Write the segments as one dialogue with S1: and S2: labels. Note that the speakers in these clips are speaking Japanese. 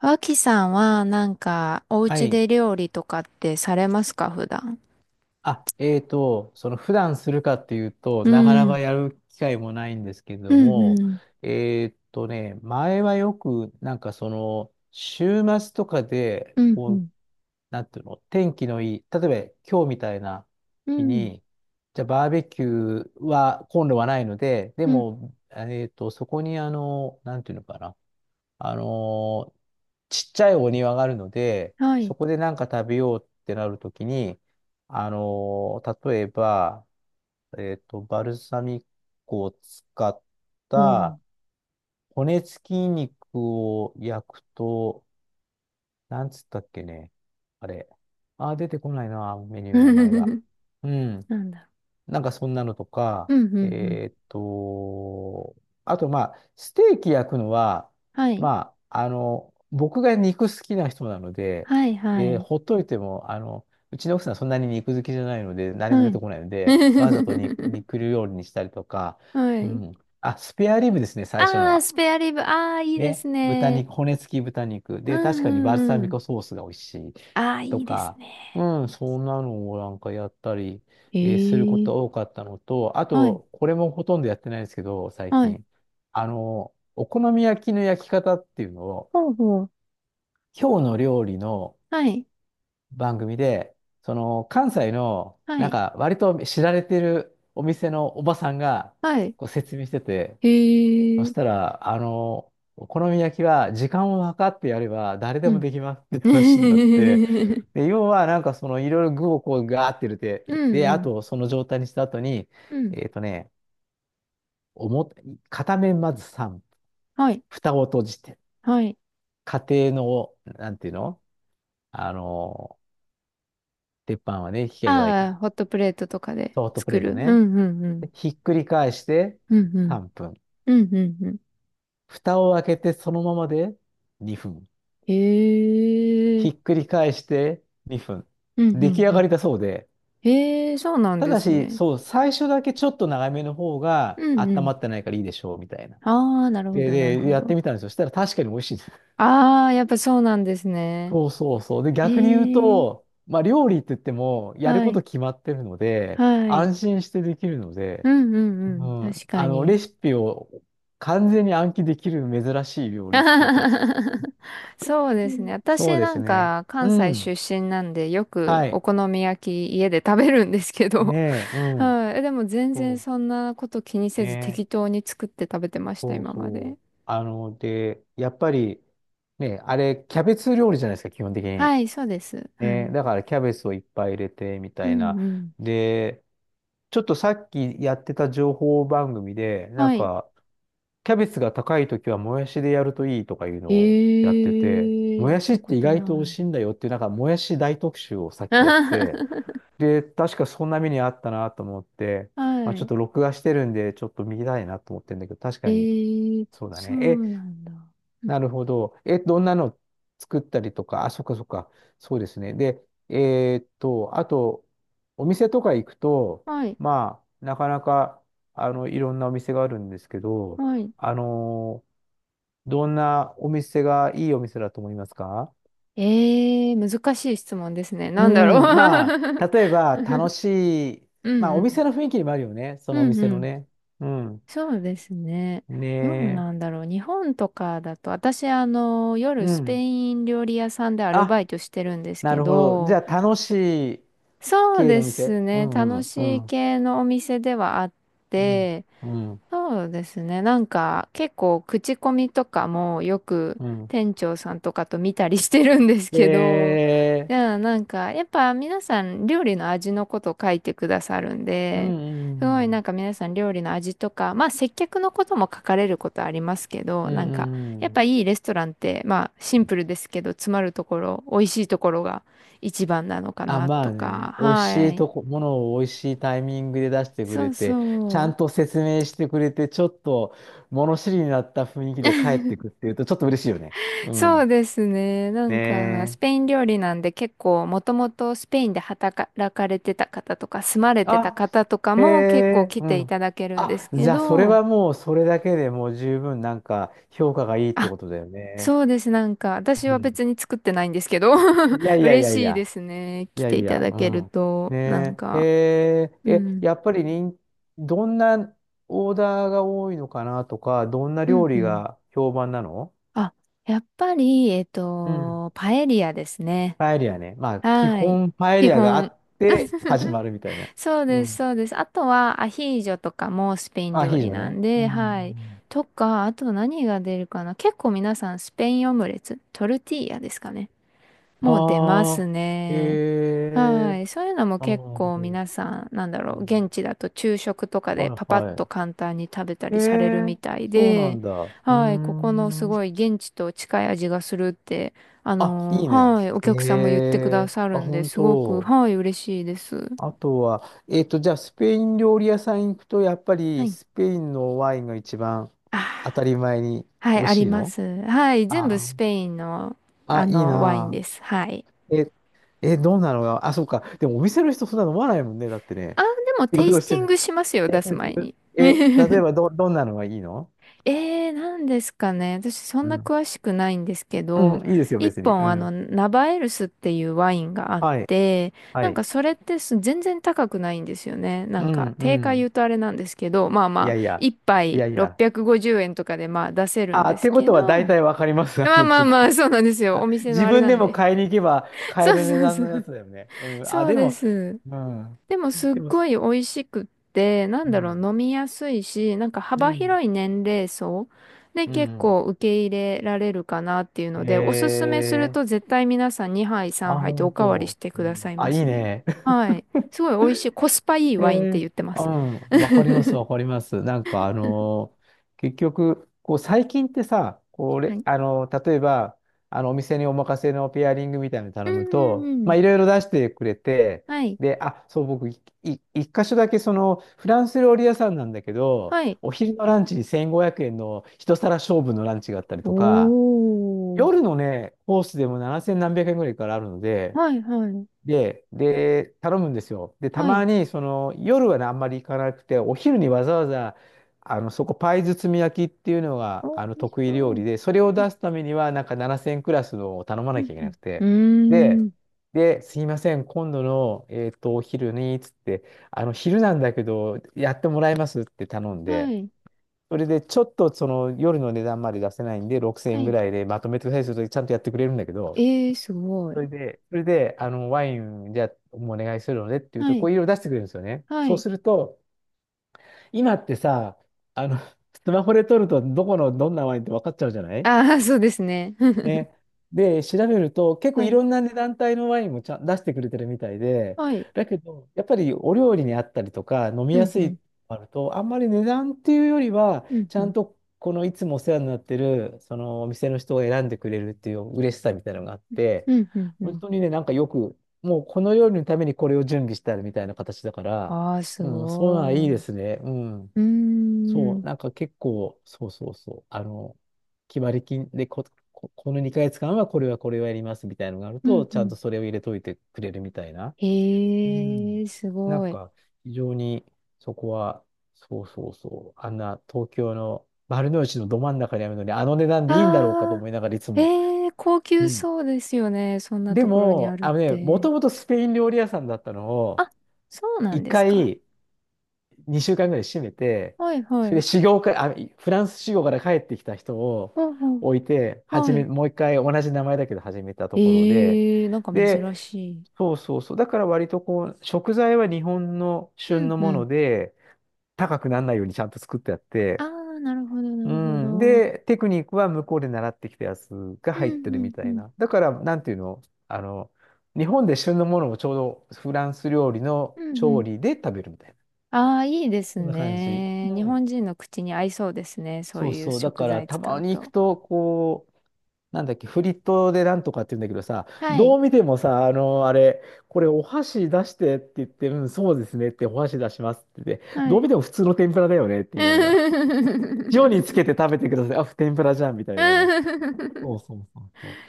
S1: 脇さんはなんかお
S2: は
S1: 家
S2: い。
S1: で料理とかってされますか、普段。
S2: あ、その普段するかっていうと、
S1: う
S2: なかな
S1: ん。
S2: かやる機会もないんですけれ
S1: う
S2: ど
S1: んう
S2: も、
S1: ん。
S2: 前はよく、なんかその、週末とかで、
S1: うんう
S2: こう、
S1: ん。
S2: なんていうの、天気のいい、例えば今日みたいな
S1: う
S2: 日
S1: ん
S2: に、じゃあバーベキューは、今度はないので、で
S1: うん。
S2: も、そこにあの、なんていうのかな、あのーちっちゃいお庭があるので、
S1: は
S2: そ
S1: い。
S2: こでなんか食べようってなるときに、例えば、バルサミコを使っ
S1: おお。
S2: た骨付き肉を焼くと、なんつったっけね。あれ。あー、出てこないな、メニューの名前が。うん。
S1: なんだ
S2: なんかそんなのとか、
S1: ろう。うんうんうん。
S2: えーっと、あとまあ、ステーキ焼くのは、
S1: はい。
S2: まあ、あの、僕が肉好きな人なので、
S1: はいは
S2: で、
S1: い。
S2: ほっといても、あの、うちの奥さんそんなに肉好きじゃないので、何も
S1: は
S2: 出て
S1: い。
S2: こないので、わざと肉料理にしたりとか、
S1: は
S2: う
S1: い。
S2: ん。あ、スペアリブですね、最初の
S1: ああ、
S2: は。
S1: スペアリブ。ああ、いいで
S2: ね。
S1: す
S2: 豚
S1: ね。
S2: 肉、骨付き豚肉。
S1: う
S2: で、確
S1: ん
S2: かに
S1: う
S2: バルサ
S1: んう
S2: ミ
S1: ん。
S2: コソースが美味しい。
S1: ああ、
S2: と
S1: いいです
S2: か、
S1: ね。
S2: うん、そんなのをなんかやったり、
S1: え
S2: するこ
S1: え。
S2: とが多かったのと、あ
S1: はい。
S2: と、これもほとんどやってないですけど、最
S1: はい。
S2: 近。あの、お好み焼きの焼き方っていうのを、
S1: ほうほう。
S2: 今日の料理の
S1: はい。
S2: 番組で、その、関西の、
S1: は
S2: なん
S1: い。
S2: か、割と知られてるお店のおばさんが、
S1: はい。
S2: こう説明してて、
S1: え
S2: そし
S1: え。
S2: たら、あの、お好み焼きは時間を計ってやれば誰で
S1: う
S2: も
S1: ん。
S2: できますっ て
S1: う
S2: 話になって、
S1: ん
S2: で、要はなんかそのいろいろ具をこうガーって入れ
S1: う
S2: て、で、あ
S1: ん。
S2: とその状態にした後に、
S1: うん。
S2: えっとね、表、片面まず3分、
S1: はい。
S2: 蓋を閉じて、
S1: はい。
S2: 家庭の、なんていうのあの、鉄板はね、火が弱いか
S1: ああ、
S2: ら、
S1: ホットプレートとかで
S2: ソフトプ
S1: 作
S2: レー
S1: る。
S2: ト
S1: う
S2: ね。
S1: んうんう
S2: で
S1: ん。
S2: ひっくり返して
S1: うんうん。
S2: 3分、
S1: うんうんうん。
S2: 蓋を開けてそのままで2分。
S1: へ
S2: ひ
S1: え。
S2: っくり返して2分。
S1: うんう
S2: 出来
S1: ん
S2: 上
S1: う
S2: が
S1: ん。
S2: りだそうで、
S1: へえ、そうなん
S2: た
S1: で
S2: だ
S1: す
S2: し、
S1: ね。
S2: そう、最初だけちょっと長めの方が
S1: うんう
S2: 温ま
S1: ん。
S2: ってないからいいでしょう、みたいな。
S1: ああ、なるほ
S2: で、
S1: ど、なる
S2: で、
S1: ほ
S2: やって
S1: ど。
S2: みたんですよ。そしたら確かに美味しいです。
S1: ああ、やっぱそうなんですね。
S2: そうそうそう。で、
S1: へ
S2: 逆に言う
S1: え。
S2: と、まあ、料理って言っても、やる
S1: は
S2: こと
S1: い。
S2: 決まってるので、
S1: はい。
S2: 安心してできるの
S1: う
S2: で、
S1: んう
S2: う
S1: んうん。
S2: ん、
S1: 確か
S2: あの、レ
S1: に。
S2: シピを完全に暗記できる珍しい料理っていうか、
S1: そうで
S2: う
S1: す
S2: ん
S1: ね。
S2: そう
S1: 私
S2: で
S1: な
S2: す
S1: ん
S2: ね。
S1: か
S2: う
S1: 関西
S2: ん。
S1: 出身なんで、よ
S2: は
S1: くお
S2: い。
S1: 好み焼き家で食べるんですけ
S2: ね
S1: ど、
S2: え、う ん。
S1: はい。でも全然
S2: そ
S1: そんなこと気に
S2: う。
S1: せず
S2: ね
S1: 適
S2: え。
S1: 当に作って食べてました、
S2: そう
S1: 今ま
S2: そ
S1: で。
S2: う。あの、で、やっぱり、ね、あれ、キャベツ料理じゃないですか、基本的に。
S1: はい、そうです。は
S2: ね、
S1: い。
S2: だからキャベツをいっぱい入れて、み
S1: う
S2: たいな。
S1: んうん。
S2: で、ちょっとさっきやってた情報番組で、な
S1: は
S2: ん
S1: い。
S2: か、キャベツが高いときはもやしでやるといいとかいう
S1: え
S2: のをやってて、
S1: ー、
S2: も
S1: やっ
S2: やし
S1: た
S2: っ
S1: こ
S2: て意
S1: と
S2: 外と美味
S1: ない。
S2: しいんだよっていう、なんか、もやし大特集をさっきやって て、で、確かそんな目にあったなと思って、まあ、ちょっと
S1: は
S2: 録画してるんで、ちょっと見たいなと思ってるんだけど、確
S1: い。え
S2: かに、
S1: ー、
S2: そうだ
S1: そ
S2: ね。
S1: うなんだ。うん、
S2: なるほど。え、どんなの作ったりとか、あ、そっかそっか。そうですね。で、あと、お店とか行くと、
S1: はい。
S2: まあ、なかなか、あの、いろんなお店があるんですけど、
S1: はい。
S2: あのーどんなお店がいいお店だと思いますか？
S1: えー、難しい質問ですね。
S2: う
S1: なんだろ
S2: ん、ま
S1: う。
S2: あ、例えば、楽しい、
S1: うん
S2: まあ、
S1: う
S2: お店
S1: ん。
S2: の雰囲気にもあるよね。そのお
S1: うん
S2: 店
S1: う
S2: の
S1: ん。
S2: ね。うん。
S1: そうですね。どう
S2: ね
S1: なんだろう。日本とかだと、私、
S2: え。う
S1: 夜スペ
S2: ん。
S1: イン料理屋さんでアルバ
S2: あ、
S1: イトしてるんです
S2: な
S1: け
S2: るほど。じ
S1: ど、
S2: ゃあ、楽しい
S1: そう
S2: 系
S1: で
S2: の店。
S1: す
S2: う
S1: ね。
S2: んう
S1: 楽
S2: んう
S1: しい
S2: ん。
S1: 系のお店ではあっ
S2: うん、
S1: て、
S2: うん、
S1: そうですね。なんか結構口コミとかもよく
S2: うん。
S1: 店長さんとかと見たりしてるんです
S2: え
S1: けど、いや、なんかやっぱ皆さん料理の味のこと書いてくださるん
S2: ー、う
S1: で、すご
S2: ん、
S1: い
S2: う
S1: なん
S2: ん、
S1: か皆さん料理の味とか、まあ接客のことも書かれることありますけど、
S2: うん、
S1: なんかやっ
S2: う
S1: ぱ
S2: ん。
S1: いいレストランってまあシンプルですけど、詰まるところ、美味しいところが一番なのか
S2: あ、
S1: な
S2: ま
S1: と
S2: あ
S1: か、
S2: ね、美味し
S1: は
S2: い
S1: い。
S2: とこ、ものを美味しいタイミングで出してく
S1: そ
S2: れ
S1: う
S2: て、ちゃ
S1: そう。
S2: んと説明してくれて、ちょっと物知りになった雰囲気で帰ってくっていうと、ちょっと嬉しいよね。う
S1: そ
S2: ん。
S1: うですね。なんか、ス
S2: ねえ。
S1: ペイン料理なんで結構、もともとスペインで働かれてた方とか、住まれてた
S2: あ、
S1: 方とか
S2: へ
S1: も結構
S2: え、
S1: 来
S2: う
S1: てい
S2: ん。
S1: ただけるんで
S2: あ、
S1: すけ
S2: じゃあ、それ
S1: ど、
S2: はもう、それだけでもう十分、なんか、評価がいいって
S1: あ、
S2: ことだよね。
S1: そうです。なんか、私
S2: う
S1: は
S2: ん。
S1: 別に作ってないんですけど、
S2: いや いやい
S1: 嬉
S2: やい
S1: しいで
S2: や。
S1: すね。
S2: い
S1: 来
S2: や
S1: て
S2: い
S1: いた
S2: や、
S1: だ
S2: う
S1: ける
S2: ん。
S1: と、なん
S2: ねえ、
S1: か、うん、
S2: やっぱりどんなオーダーが多いのかなとか、どんな
S1: う
S2: 料
S1: ん、う
S2: 理
S1: ん。
S2: が評判なの？
S1: あ、やっぱり、
S2: うん。
S1: パエリアですね。
S2: パエリアね。まあ、基
S1: はい。
S2: 本パエ
S1: 基
S2: リアがあ
S1: 本。
S2: って始 まるみたいな。
S1: そう
S2: う
S1: です、
S2: ん。
S1: そうです。あとはアヒージョとかもスペイン
S2: ア
S1: 料
S2: ヒージ
S1: 理
S2: ョ
S1: な
S2: ね。
S1: ん
S2: う
S1: で、はい。
S2: ん。
S1: とか、あと何が出るかな。結構皆さんスペインオムレツ、トルティーヤですかね。もう出ま
S2: あ
S1: す
S2: あ、え
S1: ね。は
S2: え
S1: い。そういうのも
S2: あな
S1: 結
S2: るほ
S1: 構
S2: ど。
S1: 皆さん、なんだ
S2: う
S1: ろう、
S2: ん
S1: 現地だと昼食とか
S2: は
S1: で
S2: い
S1: パパッ
S2: は
S1: と
S2: い。
S1: 簡単に食べた
S2: え
S1: りされるみ
S2: え
S1: たい
S2: そうな
S1: で、
S2: んだ。うー
S1: はい。ここのす
S2: ん。
S1: ごい現地と近い味がするって、
S2: あ、いいね。
S1: はい。お
S2: え
S1: 客さんも言ってくだ
S2: え
S1: さる
S2: あ、
S1: んで、
S2: 本
S1: すごく、
S2: 当。
S1: はい、嬉しいです。
S2: あとは、じゃあ、スペイン料理屋さん行くと、やっぱ
S1: は
S2: り
S1: い。
S2: スペインのワインが一番
S1: あ
S2: 当
S1: ー、
S2: たり前に
S1: は
S2: 美
S1: い、
S2: 味
S1: あり
S2: しい
S1: ま
S2: の
S1: す。はい、全部
S2: あ
S1: ス
S2: ー
S1: ペインの、
S2: あ、いい
S1: ワイン
S2: な
S1: です。はい。
S2: あ。え、どうなのよ。あ、そうか。でも、お店の人そんな飲まないもんね。だってね。
S1: あ、でも
S2: 仕
S1: テイ
S2: 事
S1: ス
S2: し
S1: テ
S2: て
S1: ィン
S2: ない。
S1: グしますよ、出 す前に。
S2: え、例えばどんなのがいいの？
S1: えー、なんですかね。私そん
S2: う
S1: な
S2: ん。
S1: 詳しくないんですけ
S2: う
S1: ど、
S2: ん、いいですよ、
S1: 一
S2: 別に。う
S1: 本
S2: ん。
S1: ナバエルスっていうワインがあっ
S2: はい、
S1: て、
S2: は
S1: なん
S2: い。
S1: かそれってす全然高くないんですよね。な
S2: う
S1: ん
S2: ん、
S1: か
S2: う
S1: 定価言
S2: ん。
S1: うとあれなんですけど、まあ
S2: い
S1: ま
S2: や
S1: あ、
S2: いや。
S1: 一
S2: い
S1: 杯
S2: やいや。
S1: 650円とかでまあ出せるん
S2: あ、
S1: で
S2: っ
S1: す
S2: てこ
S1: け
S2: とは
S1: ど、
S2: 大体わかります。あ
S1: まあ
S2: の、
S1: まあ
S2: 僕
S1: まあ、そうなんですよ。
S2: あ
S1: お店の
S2: 自
S1: あれ
S2: 分
S1: な
S2: で
S1: ん
S2: も
S1: で。
S2: 買いに行けば 買え
S1: そう
S2: る値
S1: そう
S2: 段
S1: そ
S2: のや
S1: う。
S2: つだよね。うん。あ、
S1: そう
S2: で
S1: で
S2: も、
S1: す。
S2: うん。
S1: でもすっ
S2: でも、
S1: ごい美味しくって、な
S2: う
S1: んだろ
S2: ん。
S1: う、飲みやすいし、なんか
S2: う
S1: 幅
S2: ん。
S1: 広い年齢層で
S2: う
S1: 結
S2: ん。
S1: 構受け入れられるかなっていう
S2: え
S1: ので、おすすめする
S2: ー、
S1: と絶対皆さん2杯
S2: あ、
S1: 3杯とお
S2: 本
S1: かわりし
S2: 当。
S1: て
S2: う
S1: くださ
S2: ん、
S1: い
S2: あ、
S1: ま
S2: いい
S1: すね。
S2: ね。
S1: はい。すごい美味しい、コスパいい
S2: え
S1: ワインって
S2: ー、
S1: 言ってま
S2: う
S1: す。
S2: ん、わか ります、わかります。なんか、結局、こう、最近ってさ、こ
S1: は
S2: れ、
S1: い。
S2: 例えば、あの、お店にお任せのペアリングみたいなの
S1: う
S2: 頼む
S1: んう
S2: と、
S1: んう
S2: ま
S1: ん。
S2: あ、いろいろ出してくれて、
S1: はい。
S2: で、あ、そう、僕、いい一箇所だけ、その、フランス料理屋さんなんだけど、
S1: はい。
S2: お昼のランチに1500円の一皿勝負のランチがあったりとか、
S1: お
S2: 夜
S1: ー。
S2: のね、コースでも7千何百円ぐらいからあるので、
S1: はいはい。
S2: で、頼むんですよ。で、た
S1: は
S2: ま
S1: い。
S2: に、その、夜はね、あんまり行かなくて、お昼にわざわざ、あの、そこ、パイ包み焼きっていうのが、
S1: 美
S2: あの、
S1: 味し
S2: 得意
S1: そ
S2: 料
S1: う。
S2: 理で、それを
S1: うん
S2: 出すためには、なんか7000クラスのを頼ま
S1: う
S2: な
S1: ん
S2: きゃいけなく
S1: う
S2: て、
S1: ん。うー
S2: で、
S1: ん。
S2: で、すいません、今度の、お昼に、つって、あの、昼なんだけど、やってもらえますって頼ん
S1: は
S2: で、
S1: い。
S2: それで、ちょっと、その、夜の値段まで出せないんで、6000
S1: は
S2: 円ぐ
S1: い。
S2: らいでまとめてくださいすると、ちゃんとやってくれるんだけど、
S1: えー、すご
S2: そ
S1: い。
S2: れで、それで、あの、ワイン、じゃあ、もお願いするのでって言う
S1: は
S2: と、こ
S1: い。
S2: ういろいろ出してくれるんですよね。
S1: は
S2: そう
S1: い。
S2: すると、今ってさ、あの、スマホで撮ると、どこの、どんなワインって分かっちゃうじゃない
S1: ああ、そうですね。
S2: ね。で、調べると、結構
S1: は
S2: い
S1: い。
S2: ろんな、ね、団体のワインもちゃん出してくれてるみたいで、
S1: はい。
S2: だけど、やっぱりお料理にあったりとか、飲み
S1: う
S2: や
S1: ん、
S2: す
S1: う
S2: いの
S1: ん。
S2: があると、あんまり値段っていうよりは、
S1: うん、
S2: ち
S1: う
S2: ゃん
S1: ん。
S2: とこのいつもお世話になってる、そのお店の人が選んでくれるっていう嬉しさみたいなのがあって、
S1: うん、うん、う
S2: 本
S1: ん。
S2: 当にね、なんかよく、もうこの料理のためにこれを準備してあるみたいな形だから、
S1: ああ、す
S2: うん、そうなうはい
S1: ご
S2: いで
S1: い。
S2: すね。うん。
S1: うー
S2: そう、
S1: ん。
S2: なんか結構、そうそうそう、あの、決まり金でこの2ヶ月間はこれはこれをやりますみたいなのがある
S1: うん、
S2: と、ち
S1: う
S2: ゃんと
S1: ん。
S2: それを入れといてくれるみたいな。う
S1: へ
S2: ん。
S1: え、す
S2: な
S1: ご
S2: ん
S1: い。
S2: か、非常にそこは、そうそうそう、あんな東京の丸の内のど真ん中にあるのに、あの値段でいいんだろうかと
S1: ああ、
S2: 思いながらいつも。
S1: ええ、高
S2: う
S1: 級
S2: ん。
S1: そうですよね。そんな
S2: で
S1: ところにあ
S2: も、
S1: るっ
S2: あのね、も
S1: て。
S2: ともとスペイン料理屋さんだったのを、
S1: あ、そうなん
S2: 一
S1: ですか。
S2: 回、2週間ぐらい閉めて、
S1: はい、
S2: そ
S1: は
S2: れで
S1: い。
S2: 修行から、あ、フランス修行から帰ってきた人を
S1: ほうほう。
S2: 置いて、始
S1: は
S2: め、
S1: い。
S2: もう一回同じ名前だけど始めたところで、
S1: ええ、なんか珍
S2: で、
S1: しい。
S2: そうそうそう。だから割とこう、食材は日本の
S1: う
S2: 旬
S1: ん、
S2: の
S1: う
S2: も
S1: ん。
S2: ので、高くならないようにちゃんと作ってあっ
S1: あ
S2: て、
S1: あ、なるほど、な
S2: う
S1: るほ
S2: ん。
S1: ど。
S2: で、テクニックは向こうで習ってきたやつが
S1: う
S2: 入って
S1: んう
S2: るみ
S1: んう
S2: たい
S1: ん。
S2: な。だから、なんていうのあの、日本で旬のものをちょうどフランス料理の
S1: うんう
S2: 調
S1: ん。
S2: 理で食べるみたいな。
S1: ああ、いいです
S2: そんな感じ。
S1: ね。
S2: う
S1: 日本
S2: ん。
S1: 人の口に合いそうですね。そう
S2: そう
S1: いう
S2: そう。だ
S1: 食
S2: から、
S1: 材
S2: た
S1: 使
S2: ま
S1: う
S2: に行く
S1: と。
S2: と、こう、なんだっけ、フリットでなんとかって言うんだけどさ、
S1: は
S2: ど
S1: い。
S2: う見てもさ、あの、あれ、これお箸出してって言って、うん、そうですねって、お箸出しますって言って、
S1: は
S2: どう見
S1: い。
S2: ても普通の天ぷらだよねって言いながら、塩につ けて食べてください。あ、天ぷらじゃんみたいなね。そうそうそうそ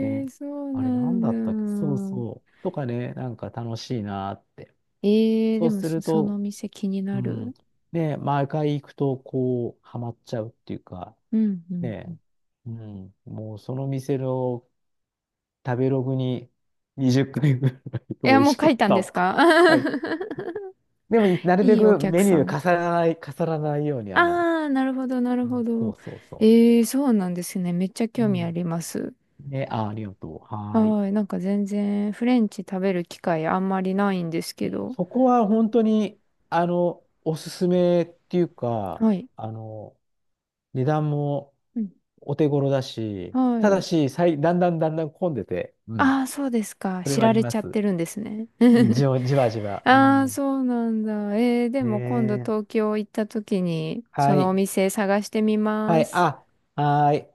S2: う。
S1: え、
S2: ね。
S1: そう
S2: あ
S1: な
S2: れ、なんだったっけそう
S1: んだ。
S2: そう。とかね、なんか楽しいなーって。
S1: ええ、
S2: そ
S1: で
S2: う
S1: も
S2: す
S1: そ、
S2: る
S1: その
S2: と、
S1: 店気に
S2: う
S1: な
S2: ん。
S1: る。
S2: ね、毎回行くと、こう、ハマっちゃうっていうか、
S1: うんうんう
S2: ね
S1: ん。
S2: え。うん。もうその店の食べログに20回ぐらい
S1: い
S2: 美
S1: や、
S2: 味
S1: もう
S2: し
S1: 書
S2: か
S1: い
S2: っ
S1: たん
S2: た
S1: です
S2: を
S1: か？
S2: 書いて。でも、な るべ
S1: いいお
S2: く
S1: 客
S2: メニ
S1: さ
S2: ュー
S1: ん。
S2: 重ならない、重ならないように、あの、
S1: ああ、なるほど、なる
S2: う
S1: ほ
S2: んそ
S1: ど。
S2: うそうそ
S1: ええ、そうなんですね。めっちゃ
S2: う。う
S1: 興味あ
S2: ん。
S1: ります。
S2: ね、あ、ありがとう。はーい。
S1: はい。なんか全然フレンチ食べる機会あんまりないんです
S2: う
S1: け
S2: ん
S1: ど。
S2: そこは本当に、あの、おすすめっていうか、
S1: はい。
S2: あの、値段も
S1: うん。
S2: お手頃だし、
S1: は
S2: ただ
S1: い。
S2: し、だんだんだんだん混んでて、うん。
S1: ああ、そうですか。
S2: それ
S1: 知
S2: はあ
S1: ら
S2: り
S1: れ
S2: ま
S1: ちゃっ
S2: す。
S1: てるんですね。
S2: うん、じわじわ。う
S1: ああ、
S2: ん。
S1: そうなんだ。えー、で
S2: ね
S1: も今度
S2: え。
S1: 東京行った時に、そ
S2: は
S1: のお
S2: い。
S1: 店探してみ
S2: は
S1: ま
S2: い。
S1: す。は
S2: あ、
S1: い。
S2: はい。